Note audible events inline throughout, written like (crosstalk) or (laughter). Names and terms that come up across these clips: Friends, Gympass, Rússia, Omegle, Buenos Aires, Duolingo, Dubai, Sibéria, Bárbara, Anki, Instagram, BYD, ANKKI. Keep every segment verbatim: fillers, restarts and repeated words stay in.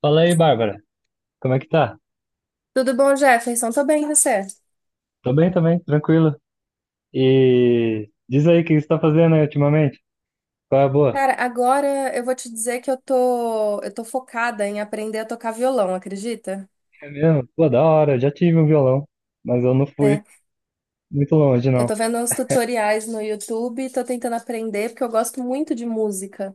Fala aí, Bárbara. Como é que tá? Tudo bom, Jefferson? Tô bem, e você? Tô bem também, tranquilo. E diz aí o que você tá fazendo aí ultimamente? Qual é a boa? Cara, agora eu vou te dizer que eu tô, eu tô focada em aprender a tocar violão, acredita? É mesmo? Pô, da hora, eu já tive um violão, mas eu não fui É, muito longe, eu não. tô vendo uns tutoriais no YouTube e tô tentando aprender porque eu gosto muito de música.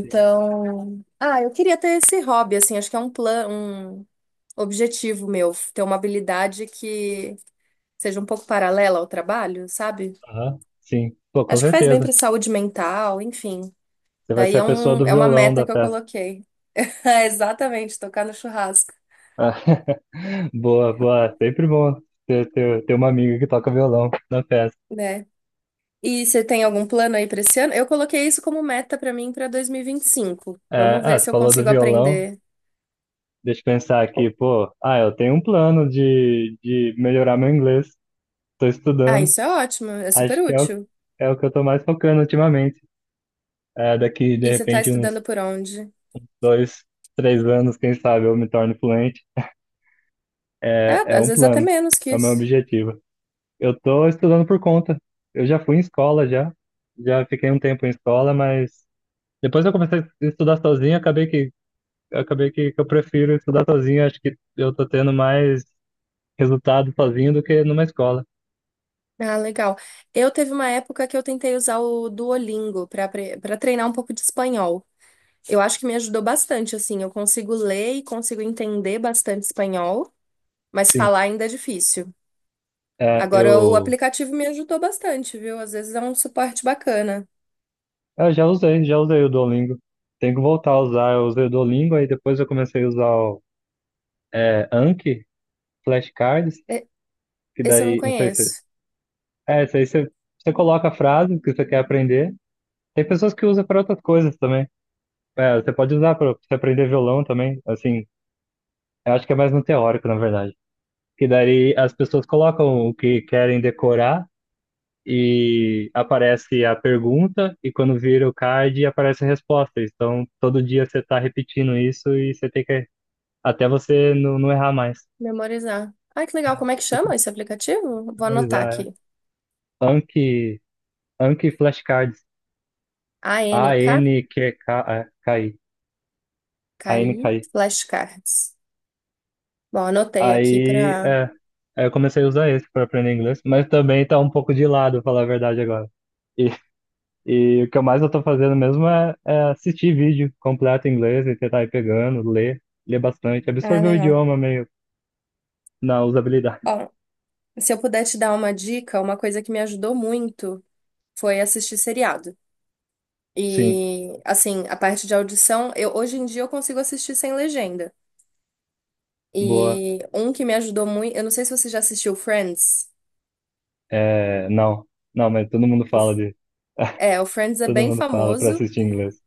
Sim. ah, eu queria ter esse hobby, assim, acho que é um plano, um objetivo meu, ter uma habilidade que seja um pouco paralela ao trabalho, sabe? Aham, sim. Pô, com Acho que faz bem certeza. pra saúde mental, enfim. Você vai Daí ser a é pessoa um, do é uma violão meta da que eu festa. coloquei. É, exatamente, tocar no churrasco, Ah, (laughs) boa, boa. Sempre bom ter, ter, ter uma amiga que toca violão na festa. né? E você tem algum plano aí para esse ano? Eu coloquei isso como meta para mim para dois mil e vinte e cinco. É, Vamos ver ah, você se eu falou do consigo violão. aprender. Deixa eu pensar aqui, pô. Ah, eu tenho um plano de, de melhorar meu inglês. Tô Ah, estudando. isso é ótimo, é super Acho que é o, útil. é o que eu tô mais focando ultimamente. É, daqui, de E você tá repente, uns estudando por onde? dois, três anos, quem sabe eu me torne fluente. É, É, é às um vezes até plano, menos que é o meu isso. objetivo. Eu tô estudando por conta. Eu já fui em escola, já. Já fiquei um tempo em escola, mas depois eu comecei a estudar sozinho, acabei que, acabei que, que eu prefiro estudar sozinho. Acho que eu tô tendo mais resultado sozinho do que numa escola. Ah, legal. Eu teve uma época que eu tentei usar o Duolingo para para treinar um pouco de espanhol. Eu acho que me ajudou bastante, assim, eu consigo ler e consigo entender bastante espanhol, mas Sim, falar ainda é difícil. é, Agora, o eu... aplicativo me ajudou bastante, viu? Às vezes é um suporte bacana. Eu já usei, já usei o Duolingo. Tenho que voltar a usar. Eu usei o Duolingo, aí depois eu comecei a usar o é, Anki, flashcards, E- que Esse eu não daí, não sei se. conheço. É, isso aí você, você coloca a frase que você quer aprender. Tem pessoas que usam para outras coisas também. É, você pode usar para você aprender violão também. Assim, eu acho que é mais no teórico, na verdade. Que daí as pessoas colocam o que querem decorar e aparece a pergunta, e quando vira o card, aparece a resposta. Então, todo dia você está repetindo isso e você tem que até você não, não errar mais. Memorizar. Ai, que legal. Como é que Tipo, chama esse aplicativo? Vou anotar memorizar. É. aqui. Anki, Anki flashcards. a n k A N Q K I. ANKKI A N K I. Flashcards. Bom, anotei aqui Aí, para. é, aí eu comecei a usar esse para aprender inglês, mas também tá um pouco de lado, falar a verdade agora. E, e o que eu mais eu tô fazendo mesmo é, é assistir vídeo completo em inglês e tentar ir pegando, ler, ler, bastante, Ah, absorver o legal. idioma meio na usabilidade. (laughs) Ó, se eu puder te dar uma dica, uma coisa que me ajudou muito foi assistir seriado. Sim, E, assim, a parte de audição, eu, hoje em dia eu consigo assistir sem legenda. boa. E um que me ajudou muito, eu não sei se você já assistiu Friends. É, não, não, mas todo mundo fala de, É, o Friends é todo bem mundo fala para famoso, assistir inglês.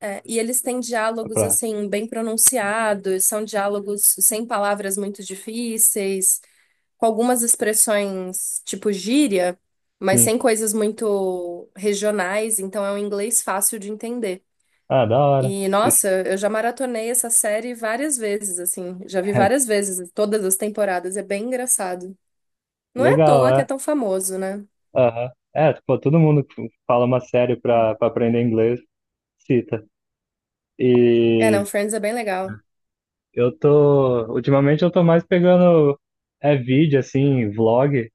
é, e eles têm diálogos Pra, assim bem pronunciados, são diálogos sem palavras muito difíceis, com algumas expressões tipo gíria, mas sim. sem coisas muito regionais, então é um inglês fácil de entender. Ah, da hora. E nossa, Isso, eu já maratonei essa série várias vezes, assim, já vi várias (laughs) vezes, todas as temporadas, é bem engraçado. Não é à legal, toa que é é. tão famoso, né? Aham. É, tipo, todo mundo que fala uma série pra, pra aprender inglês, cita. É, E não, Friends é bem legal. eu tô, ultimamente eu tô mais pegando, é vídeo, assim, vlog,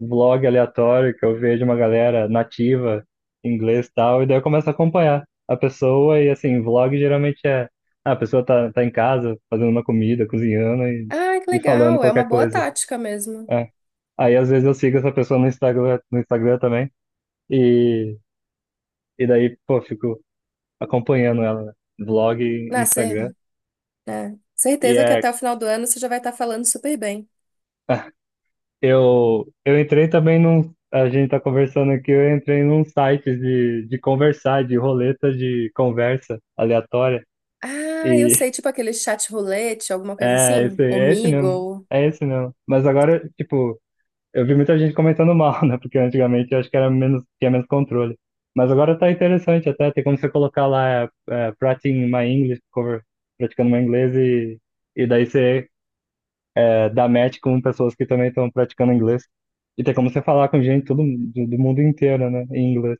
vlog aleatório, que eu vejo uma galera nativa, inglês e tal, e daí eu começo a acompanhar a pessoa e, assim, vlog geralmente é, ah, a pessoa tá, tá em casa, fazendo uma comida, cozinhando e, Ah, que e falando legal, é uma qualquer boa coisa. tática mesmo. É. Aí às vezes eu sigo essa pessoa no Instagram, no Instagram, também, e, e daí, pô, fico acompanhando ela, né? Vlog e Nascer Instagram. É. E Certeza que é, até o final do ano você já vai estar falando super bem. eu, eu entrei também num. A gente tá conversando aqui, eu entrei num site de, de conversar, de roleta de conversa aleatória. Ah, eu E sei, tipo aquele chat roulette, alguma (laughs) coisa é assim? esse, é esse mesmo. Omegle. É esse mesmo. Mas agora, tipo, eu vi muita gente comentando mal, (laughs) né? Porque antigamente eu acho que era menos, tinha menos controle. Mas agora tá interessante até, tem como você colocar lá é, é, Practicing My English Cover, praticando meu inglês e, e daí você é, dá match com pessoas que também estão praticando inglês. E tem como você falar com gente todo, do, do mundo inteiro, né? Em inglês.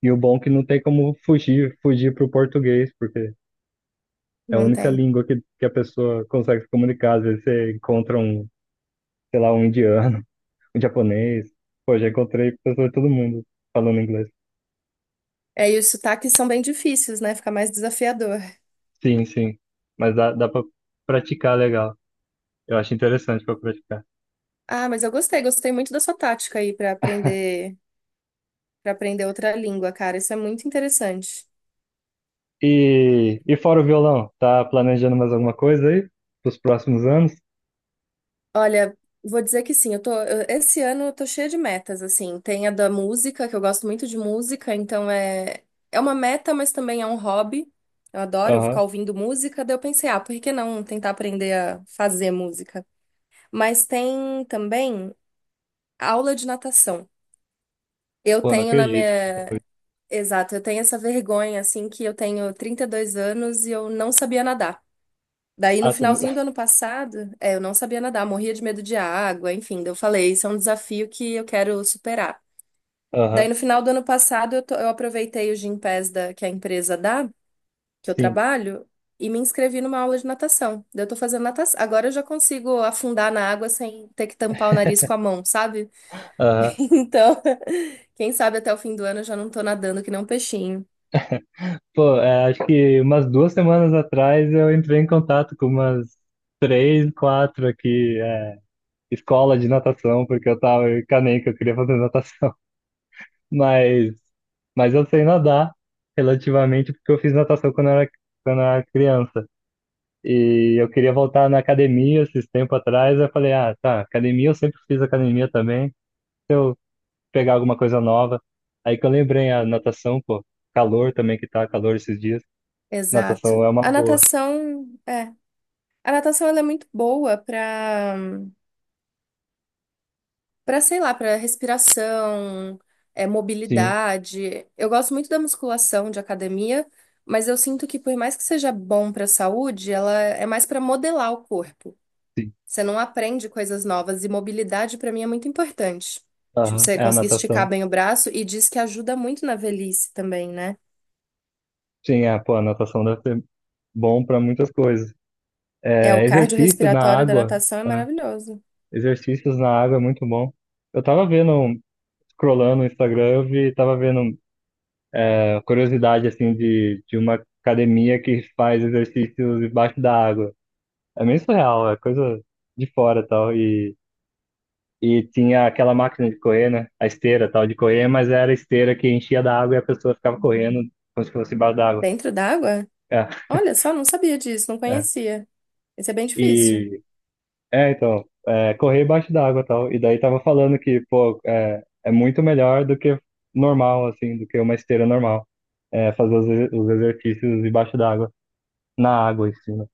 E o bom é que não tem como fugir, fugir pro português, porque é a Não única tem. língua que, que a pessoa consegue se comunicar. Às vezes você encontra um, sei lá, um indiano japonês. Pô, já encontrei pessoas de todo mundo falando inglês. É, e os sotaques são bem difíceis, né? Fica mais desafiador. Sim, sim. Mas dá, dá pra praticar legal. Eu acho interessante pra praticar. Ah, mas eu gostei, gostei muito da sua tática aí pra aprender, para aprender outra língua, cara. Isso é muito interessante. E, e fora o violão, tá planejando mais alguma coisa aí? Pros próximos anos? Olha, vou dizer que sim, eu tô, eu- esse ano eu tô cheia de metas, assim. Tem a da música, que eu gosto muito de música, então é, é uma meta, mas também é um hobby. Eu adoro Aham. ficar ouvindo música, daí eu pensei, ah, por que não tentar aprender a fazer música? Mas tem também aula de natação. Eu Pô, não tenho na acredito que você falou minha. isso. Exato, eu tenho essa vergonha, assim, que eu tenho trinta e dois anos e eu não sabia nadar. Daí, no Ah, você não- finalzinho do (laughs) ano passado, é, eu não sabia nadar, morria de medo de água, enfim. Daí eu falei, isso é um desafio que eu quero superar. aham, Daí, no final do ano passado, eu, to- eu aproveitei o Gympass da, que a empresa dá, que eu sim. trabalho, e me inscrevi numa aula de natação. Daí, eu tô fazendo natação. Agora eu já consigo afundar na água sem ter que tampar o nariz com a mão, sabe? Aham. (laughs) Então, (laughs) quem sabe até o fim do ano eu já não tô nadando que nem um peixinho. Pô, é, acho que umas duas semanas atrás eu entrei em contato com umas três, quatro aqui, é, escola de natação, porque eu tava em Caném, que eu queria fazer natação. Mas, mas eu sei nadar relativamente porque eu fiz natação quando eu era, quando eu era criança. E eu queria voltar na academia esses tempo atrás. Eu falei, ah, tá, academia, eu sempre fiz academia também. Se eu pegar alguma coisa nova. Aí que eu lembrei a natação, pô, calor também que tá calor esses dias. Natação Exato. é uma A boa. natação, é. A natação ela é muito boa para para sei lá, para respiração, é, Sim, mobilidade. Eu gosto muito da musculação de academia, mas eu sinto que por mais que seja bom pra saúde, ela é mais para modelar o corpo. sim. Você não aprende coisas novas e mobilidade para mim é muito importante. Tipo, Aham, você é a conseguir esticar natação. bem o braço e diz que ajuda muito na velhice também, né? Sim, é, pô, a natação deve ser bom para muitas coisas. É, o É, exercício na cardiorrespiratório da água. natação é Tá? maravilhoso. Exercícios na água é muito bom. Eu tava vendo, um- scrollando no Instagram, eu vi, tava vendo é, curiosidade, assim, de, de, uma academia que faz exercícios debaixo da água. É meio surreal, é coisa de fora e tal. E, e tinha aquela máquina de correr, né? A esteira tal, de correr, mas era a esteira que enchia da água e a pessoa ficava correndo como se fosse embaixo da água. Dentro d'água? É, Olha só, não sabia disso, não é. conhecia. Isso é bem difícil. E É, então, é, correr embaixo d'água e tal. E daí tava falando que, pô, é, é muito melhor do que normal, assim, do que uma esteira normal. É, fazer os, ex- os exercícios embaixo d'água, na água em cima.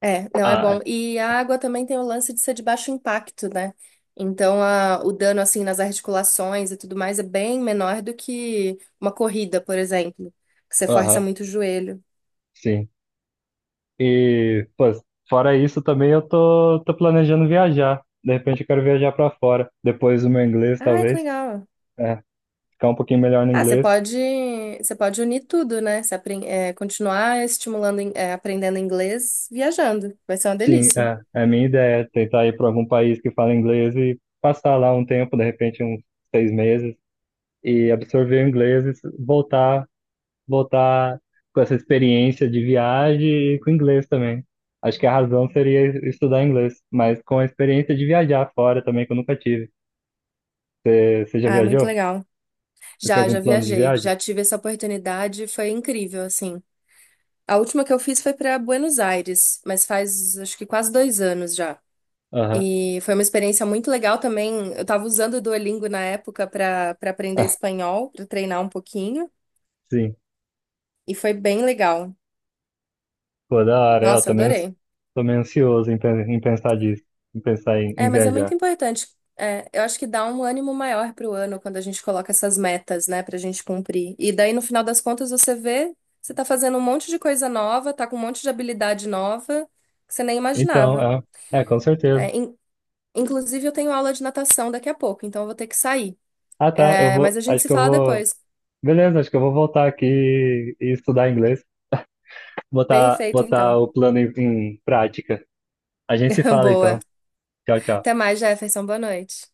É, não é Ah, é. bom. E a água também tem o lance de ser de baixo impacto, né? Então, a- o dano, assim, nas articulações e tudo mais é bem menor do que uma corrida, por exemplo, que você força Aham, muito o joelho. sim. E, pô, fora isso também eu tô, tô planejando viajar. De repente eu quero viajar pra fora, depois do meu inglês, Ah, que talvez. legal. É, ficar um pouquinho melhor no Ah, você inglês. pode, você pode unir tudo, né? Você apren- é, continuar estimulando, in- é, aprendendo inglês, viajando. Vai ser uma Sim, delícia. é, é a minha ideia, tentar ir pra algum país que fala inglês e passar lá um tempo, de repente uns seis meses e absorver o inglês e voltar, voltar com essa experiência de viagem e com inglês também. Acho que a razão seria estudar inglês, mas com a experiência de viajar fora também, que eu nunca tive. Você você já Ah, muito viajou? legal. Você tem Já, já algum plano de viajei, viagem? já tive essa oportunidade, foi incrível, assim. A última que eu fiz foi para Buenos Aires, mas faz acho que quase dois anos já. Aham. E foi uma experiência muito legal também. Eu estava usando o Duolingo na época para para aprender (laughs) espanhol, para treinar um pouquinho, Sim. e foi bem legal. Pô, da hora, é, eu Nossa, também ans- adorei. meio ansioso em, pen- em pensar disso, em pensar em, É, em mas é muito viajar. importante. É, eu acho que dá um ânimo maior pro ano quando a gente coloca essas metas, né, pra gente cumprir. E daí, no final das contas, você vê, você tá fazendo um monte de coisa nova, tá com um monte de habilidade nova que você nem Então, imaginava. é, é, com certeza. É, in- Inclusive, eu tenho aula de natação daqui a pouco, então eu vou ter que sair. Ah, tá, eu É, mas vou, a gente acho se que eu fala vou, depois. beleza, acho que eu vou voltar aqui e estudar inglês. botar, Perfeito, botar então. o plano em, em prática. A gente se (laughs) fala Boa. então. Tchau, Até tchau. mais, Jefferson. Boa noite.